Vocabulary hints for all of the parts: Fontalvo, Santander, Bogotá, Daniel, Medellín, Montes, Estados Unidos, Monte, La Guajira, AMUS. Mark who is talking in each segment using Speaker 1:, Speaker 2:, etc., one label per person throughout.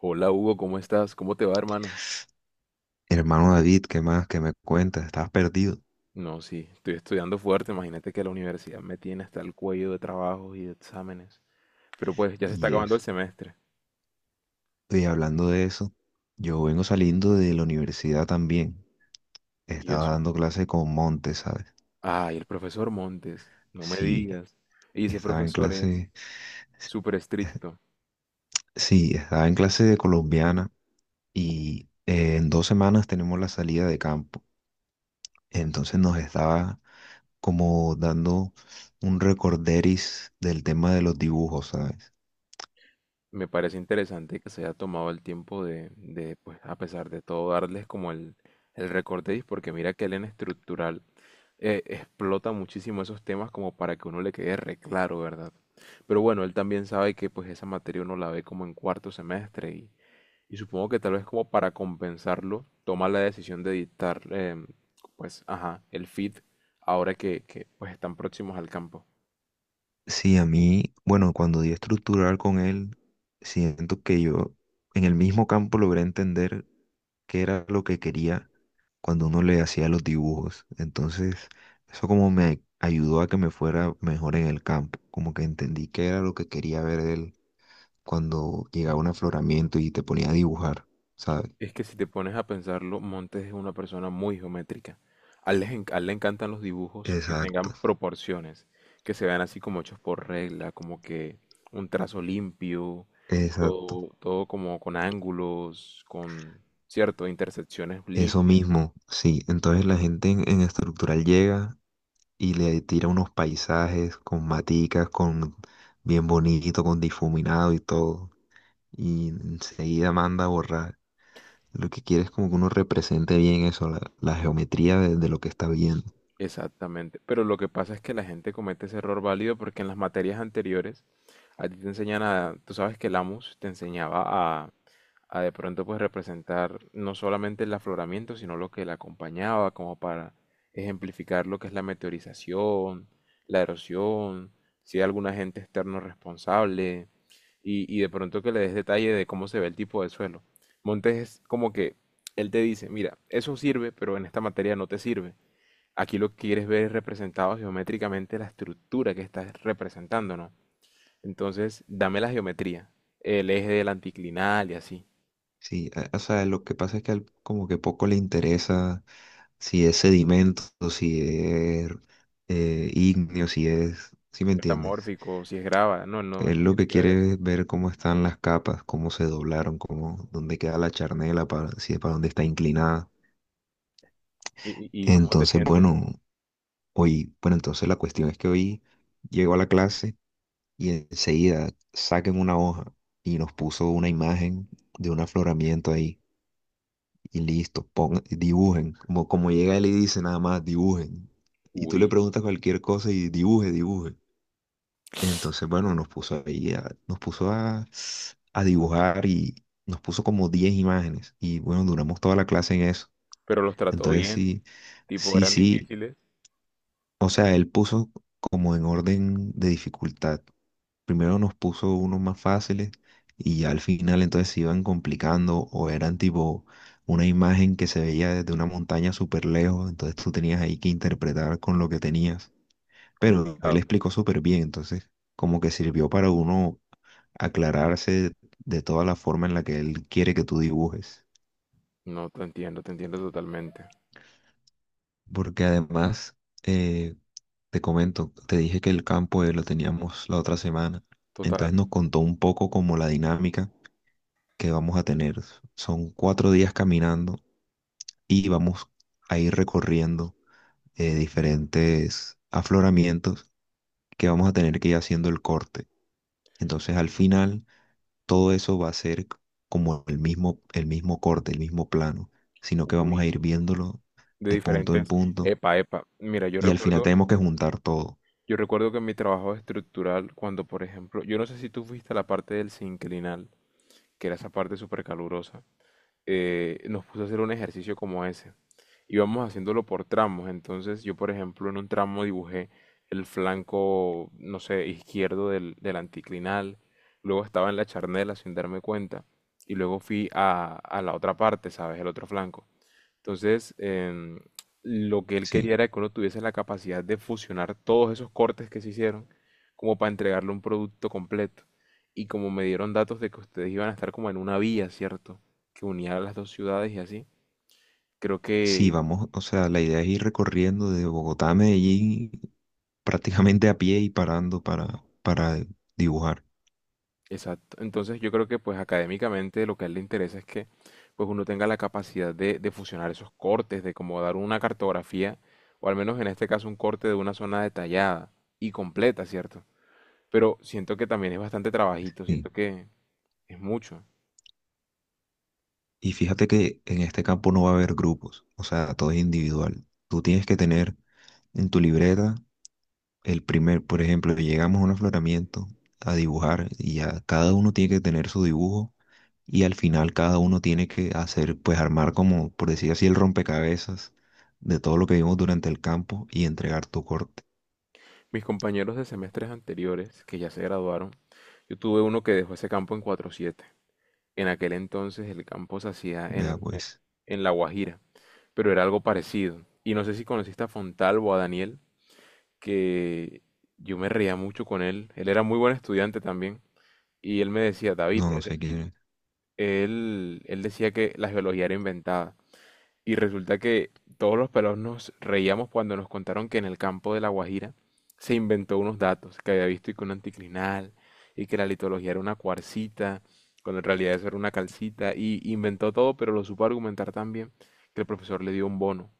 Speaker 1: Hola Hugo, ¿cómo estás? ¿Cómo te va, hermano?
Speaker 2: Hermano David, ¿qué más? ¿Qué me cuentas? Estabas perdido.
Speaker 1: No, sí, estoy estudiando fuerte. Imagínate que la universidad me tiene hasta el cuello de trabajos y de exámenes. Pero pues ya se está
Speaker 2: Y
Speaker 1: acabando el
Speaker 2: eso.
Speaker 1: semestre.
Speaker 2: Y hablando de eso, yo vengo saliendo de la universidad también.
Speaker 1: ¿Y
Speaker 2: Estaba
Speaker 1: eso?
Speaker 2: dando clase con Monte, ¿sabes?
Speaker 1: Ah, y el profesor Montes, no me
Speaker 2: Sí,
Speaker 1: digas. Y ese
Speaker 2: estaba en
Speaker 1: profesor es
Speaker 2: clase.
Speaker 1: súper estricto.
Speaker 2: Sí, estaba en clase de colombiana y en 2 semanas tenemos la salida de campo. Entonces nos estaba como dando un recorderis del tema de los dibujos, ¿sabes?
Speaker 1: Me parece interesante que se haya tomado el tiempo pues, a pesar de todo, darles como el recorderis, porque mira que él en estructural explota muchísimo esos temas como para que uno le quede re claro, ¿verdad? Pero bueno, él también sabe que pues esa materia uno la ve como en cuarto semestre y supongo que tal vez como para compensarlo, toma la decisión de dictar, pues, ajá, el feed ahora que pues están próximos al campo.
Speaker 2: Sí, a mí, bueno, cuando di estructural con él, siento que yo en el mismo campo logré entender qué era lo que quería cuando uno le hacía los dibujos. Entonces, eso como me ayudó a que me fuera mejor en el campo, como que entendí qué era lo que quería ver él cuando llegaba un afloramiento y te ponía a dibujar, ¿sabes?
Speaker 1: Es que si te pones a pensarlo, Montes es una persona muy geométrica. A él le encantan los dibujos que
Speaker 2: Exacto,
Speaker 1: tengan proporciones, que se vean así como hechos por regla, como que un trazo limpio,
Speaker 2: exacto.
Speaker 1: todo como con ángulos, con, cierto, intersecciones
Speaker 2: Eso
Speaker 1: limpias.
Speaker 2: mismo, sí. Entonces la gente en estructural llega y le tira unos paisajes con maticas, con bien bonito, con difuminado y todo. Y enseguida manda a borrar. Lo que quiere es como que uno represente bien eso, la geometría de lo que está viendo.
Speaker 1: Exactamente, pero lo que pasa es que la gente comete ese error válido porque en las materias anteriores a ti te enseñan a, tú sabes que el AMUS te enseñaba a, a de pronto pues representar no solamente el afloramiento, sino lo que le acompañaba, como para ejemplificar lo que es la meteorización, la erosión, si hay algún agente externo responsable, y de pronto que le des detalle de cómo se ve el tipo de suelo. Montes es como que él te dice, mira, eso sirve, pero en esta materia no te sirve. Aquí lo que quieres ver es representado geométricamente la estructura que estás representando, ¿no? Entonces, dame la geometría, el eje del anticlinal y así,
Speaker 2: Sí, o sea, lo que pasa es que como que poco le interesa si es sedimento, si es ígneo, si es, ¿sí me entiendes?
Speaker 1: metamórfico, si es grava, no, no,
Speaker 2: Él
Speaker 1: no
Speaker 2: lo
Speaker 1: tiene
Speaker 2: que
Speaker 1: que ver eso.
Speaker 2: quiere es ver cómo están las capas, cómo se doblaron, cómo, dónde queda la charnela, para, si para dónde está inclinada.
Speaker 1: ¿ Y cómo te
Speaker 2: Entonces,
Speaker 1: sientes?
Speaker 2: bueno, hoy, bueno, entonces la cuestión es que hoy llegó a la clase y enseguida saquen una hoja y nos puso una imagen de un afloramiento ahí y listo, pongan, dibujen, como, como llega él y dice nada más, dibujen. Y tú le
Speaker 1: Uy,
Speaker 2: preguntas cualquier cosa y dibuje, dibuje. Entonces, bueno, nos puso ahí, nos puso a dibujar y nos puso como 10 imágenes y bueno, duramos toda la clase en eso.
Speaker 1: pero los trató
Speaker 2: Entonces,
Speaker 1: bien,
Speaker 2: sí,
Speaker 1: tipo,
Speaker 2: sí,
Speaker 1: eran
Speaker 2: sí.
Speaker 1: difíciles,
Speaker 2: O sea, él puso como en orden de dificultad. Primero nos puso unos más fáciles y ya al final entonces se iban complicando o eran tipo una imagen que se veía desde una montaña súper lejos, entonces tú tenías ahí que interpretar con lo que tenías. Pero él
Speaker 1: complicado.
Speaker 2: explicó súper bien, entonces como que sirvió para uno aclararse de toda la forma en la que él quiere que tú dibujes.
Speaker 1: No, te entiendo totalmente.
Speaker 2: Porque además, eh, te comento, te dije que el campo lo teníamos la otra semana,
Speaker 1: Total.
Speaker 2: entonces nos contó un poco como la dinámica que vamos a tener. Son cuatro días caminando y vamos a ir recorriendo diferentes afloramientos que vamos a tener que ir haciendo el corte. Entonces al final todo eso va a ser como el mismo corte, el mismo plano, sino que vamos a ir
Speaker 1: Uy,
Speaker 2: viéndolo
Speaker 1: de
Speaker 2: de punto en
Speaker 1: diferentes.
Speaker 2: punto
Speaker 1: Epa, epa. Mira,
Speaker 2: y al final tenemos que juntar todo.
Speaker 1: yo recuerdo que en mi trabajo estructural, cuando por ejemplo, yo no sé si tú fuiste a la parte del sinclinal, que era esa parte súper calurosa, nos puso a hacer un ejercicio como ese. Íbamos haciéndolo por tramos, entonces yo, por ejemplo, en un tramo dibujé el flanco, no sé, izquierdo del anticlinal, luego estaba en la charnela sin darme cuenta, y luego fui a la otra parte, ¿sabes? El otro flanco. Entonces, lo que él quería
Speaker 2: Sí.
Speaker 1: era que uno tuviese la capacidad de fusionar todos esos cortes que se hicieron como para entregarle un producto completo. Y como me dieron datos de que ustedes iban a estar como en una vía, ¿cierto? Que unía las dos ciudades y así. Creo
Speaker 2: Sí,
Speaker 1: que,
Speaker 2: vamos, o sea, la idea es ir recorriendo de Bogotá a Medellín prácticamente a pie y parando para dibujar.
Speaker 1: exacto. Entonces yo creo que pues académicamente lo que a él le interesa es que pues uno tenga la capacidad de fusionar esos cortes, de como dar una cartografía, o al menos en este caso un corte de una zona detallada y completa, ¿cierto? Pero siento que también es bastante trabajito,
Speaker 2: Y,
Speaker 1: siento que es mucho.
Speaker 2: y fíjate que en este campo no va a haber grupos, o sea, todo es individual. Tú tienes que tener en tu libreta el primer, por ejemplo, llegamos a un afloramiento a dibujar y ya cada uno tiene que tener su dibujo y al final cada uno tiene que hacer, pues armar como, por decir así, el rompecabezas de todo lo que vimos durante el campo y entregar tu corte.
Speaker 1: Mis compañeros de semestres anteriores, que ya se graduaron, yo tuve uno que dejó ese campo en 4.7. En aquel entonces el campo se hacía
Speaker 2: Vea pues.
Speaker 1: en La Guajira, pero era algo parecido. Y no sé si conociste a Fontalvo, a Daniel, que yo me reía mucho con él. Él era muy buen estudiante también. Y él me decía, David,
Speaker 2: No, no sé quién es.
Speaker 1: él, él decía que la geología era inventada. Y resulta que todos los pelados nos reíamos cuando nos contaron que en el campo de La Guajira se inventó unos datos que había visto y que un anticlinal y que la litología era una cuarcita, cuando en realidad eso era una calcita y inventó todo, pero lo supo argumentar tan bien que el profesor le dio un bono.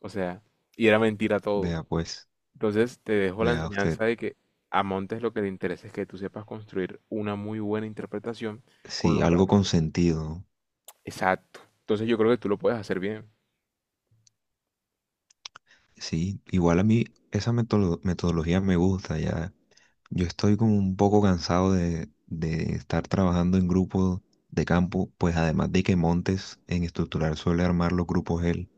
Speaker 1: O sea, y era mentira todo.
Speaker 2: Vea pues,
Speaker 1: Entonces te dejo la
Speaker 2: vea usted.
Speaker 1: enseñanza de que a Montes lo que le interesa es que tú sepas construir una muy buena interpretación con
Speaker 2: Sí,
Speaker 1: los
Speaker 2: algo
Speaker 1: datos
Speaker 2: con
Speaker 1: que...
Speaker 2: sentido, ¿no?
Speaker 1: Exacto. Entonces yo creo que tú lo puedes hacer bien,
Speaker 2: Sí, igual a mí esa metodología me gusta ya. Yo estoy como un poco cansado de estar trabajando en grupos de campo, pues además de que Montes en estructural suele armar los grupos él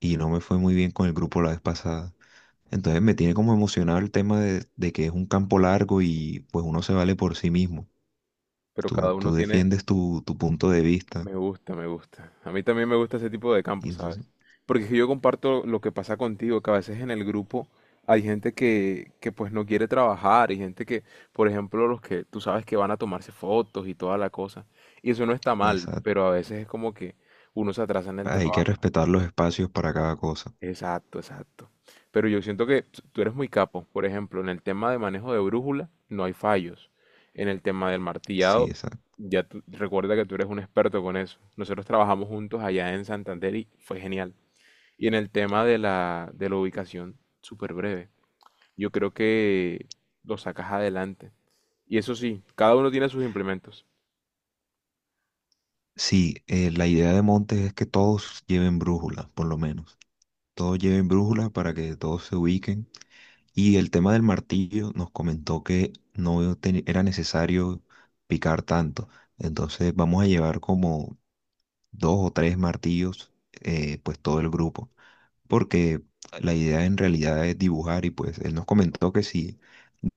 Speaker 2: y no me fue muy bien con el grupo la vez pasada. Entonces me tiene como emocionado el tema de que es un campo largo y pues uno se vale por sí mismo.
Speaker 1: pero cada
Speaker 2: Tú,
Speaker 1: uno
Speaker 2: tú
Speaker 1: tiene.
Speaker 2: defiendes tu punto de vista
Speaker 1: Me gusta, me gusta. A mí también me gusta ese tipo de
Speaker 2: y
Speaker 1: campo,
Speaker 2: entonces...
Speaker 1: ¿sabes? Porque es que yo comparto lo que pasa contigo, que a veces en el grupo hay gente que pues no quiere trabajar, y gente que, por ejemplo, los que tú sabes que van a tomarse fotos y toda la cosa. Y eso no está mal,
Speaker 2: Esa,
Speaker 1: pero a veces es como que uno se atrasa en el
Speaker 2: hay que
Speaker 1: trabajo.
Speaker 2: respetar los espacios para cada cosa.
Speaker 1: Exacto, exacto. Pero yo siento que tú eres muy capo. Por ejemplo, en el tema de manejo de brújula no hay fallos. En el tema del
Speaker 2: Sí,
Speaker 1: martillado,
Speaker 2: exacto.
Speaker 1: recuerda que tú eres un experto con eso. Nosotros trabajamos juntos allá en Santander y fue genial. Y en el tema de de la ubicación, súper breve. Yo creo que lo sacas adelante. Y eso sí, cada uno tiene sus implementos.
Speaker 2: Sí, la idea de Montes es que todos lleven brújula, por lo menos. Todos lleven brújula para que todos se ubiquen. Y el tema del martillo nos comentó que no te- era necesario picar tanto. Entonces vamos a llevar como dos o tres martillos, pues todo el grupo. Porque la idea en realidad es dibujar y pues él nos comentó que sí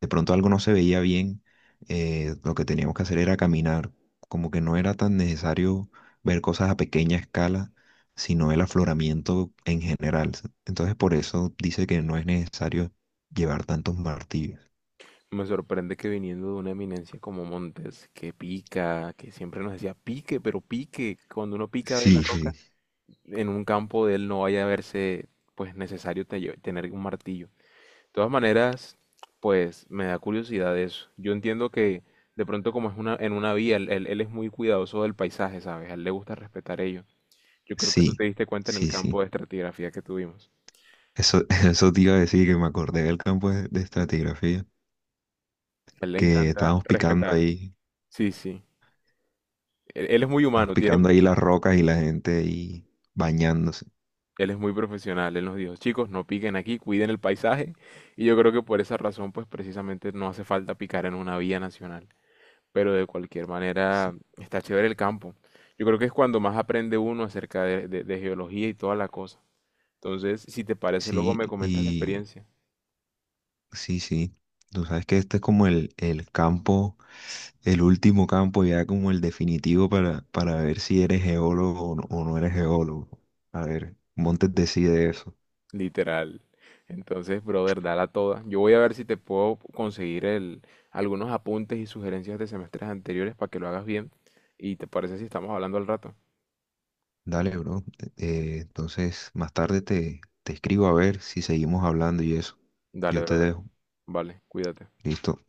Speaker 2: de pronto algo no se veía bien, lo que teníamos que hacer era caminar, como que no era tan necesario ver cosas a pequeña escala, sino el afloramiento en general. Entonces por eso dice que no es necesario llevar tantos martillos.
Speaker 1: Me sorprende que viniendo de una eminencia como Montes, que pica, que siempre nos decía pique, pero pique, cuando uno pica ve la
Speaker 2: Sí, sí,
Speaker 1: roca en un campo de él no vaya a verse pues necesario tener un martillo. De todas maneras, pues me da curiosidad eso. Yo entiendo que de pronto como es una, en una vía, él es muy cuidadoso del paisaje, ¿sabes? A él le gusta respetar ello. Yo creo que tú
Speaker 2: sí,
Speaker 1: te diste cuenta en el
Speaker 2: sí,
Speaker 1: campo
Speaker 2: sí.
Speaker 1: de estratigrafía que tuvimos.
Speaker 2: Eso, eso te iba a decir que me acordé del campo de estratigrafía,
Speaker 1: A él le
Speaker 2: que
Speaker 1: encanta respetar. Sí, sí. Él es muy
Speaker 2: estábamos
Speaker 1: humano, tiene,
Speaker 2: picando ahí las rocas y la gente ahí bañándose.
Speaker 1: él es muy profesional. Él nos dijo, chicos, no piquen aquí, cuiden el paisaje. Y yo creo que por esa razón, pues precisamente no hace falta picar en una vía nacional. Pero de cualquier
Speaker 2: Sí,
Speaker 1: manera está chévere el campo. Yo creo que es cuando más aprende uno acerca de, de geología y toda la cosa. Entonces, si te parece, luego
Speaker 2: sí,
Speaker 1: me comentas la
Speaker 2: y
Speaker 1: experiencia.
Speaker 2: sí, sí. Tú sabes que este es como el campo, el último campo, ya como el definitivo para ver si eres geólogo o no eres geólogo. A ver, Montes decide eso.
Speaker 1: Literal. Entonces, brother, dala toda. Yo voy a ver si te puedo conseguir el, algunos apuntes y sugerencias de semestres anteriores para que lo hagas bien. Y te parece si estamos hablando al rato.
Speaker 2: Dale, bro. Entonces, más tarde te, te escribo a ver si seguimos hablando y eso.
Speaker 1: Dale,
Speaker 2: Yo te
Speaker 1: brother.
Speaker 2: dejo.
Speaker 1: Vale, cuídate.
Speaker 2: Listo.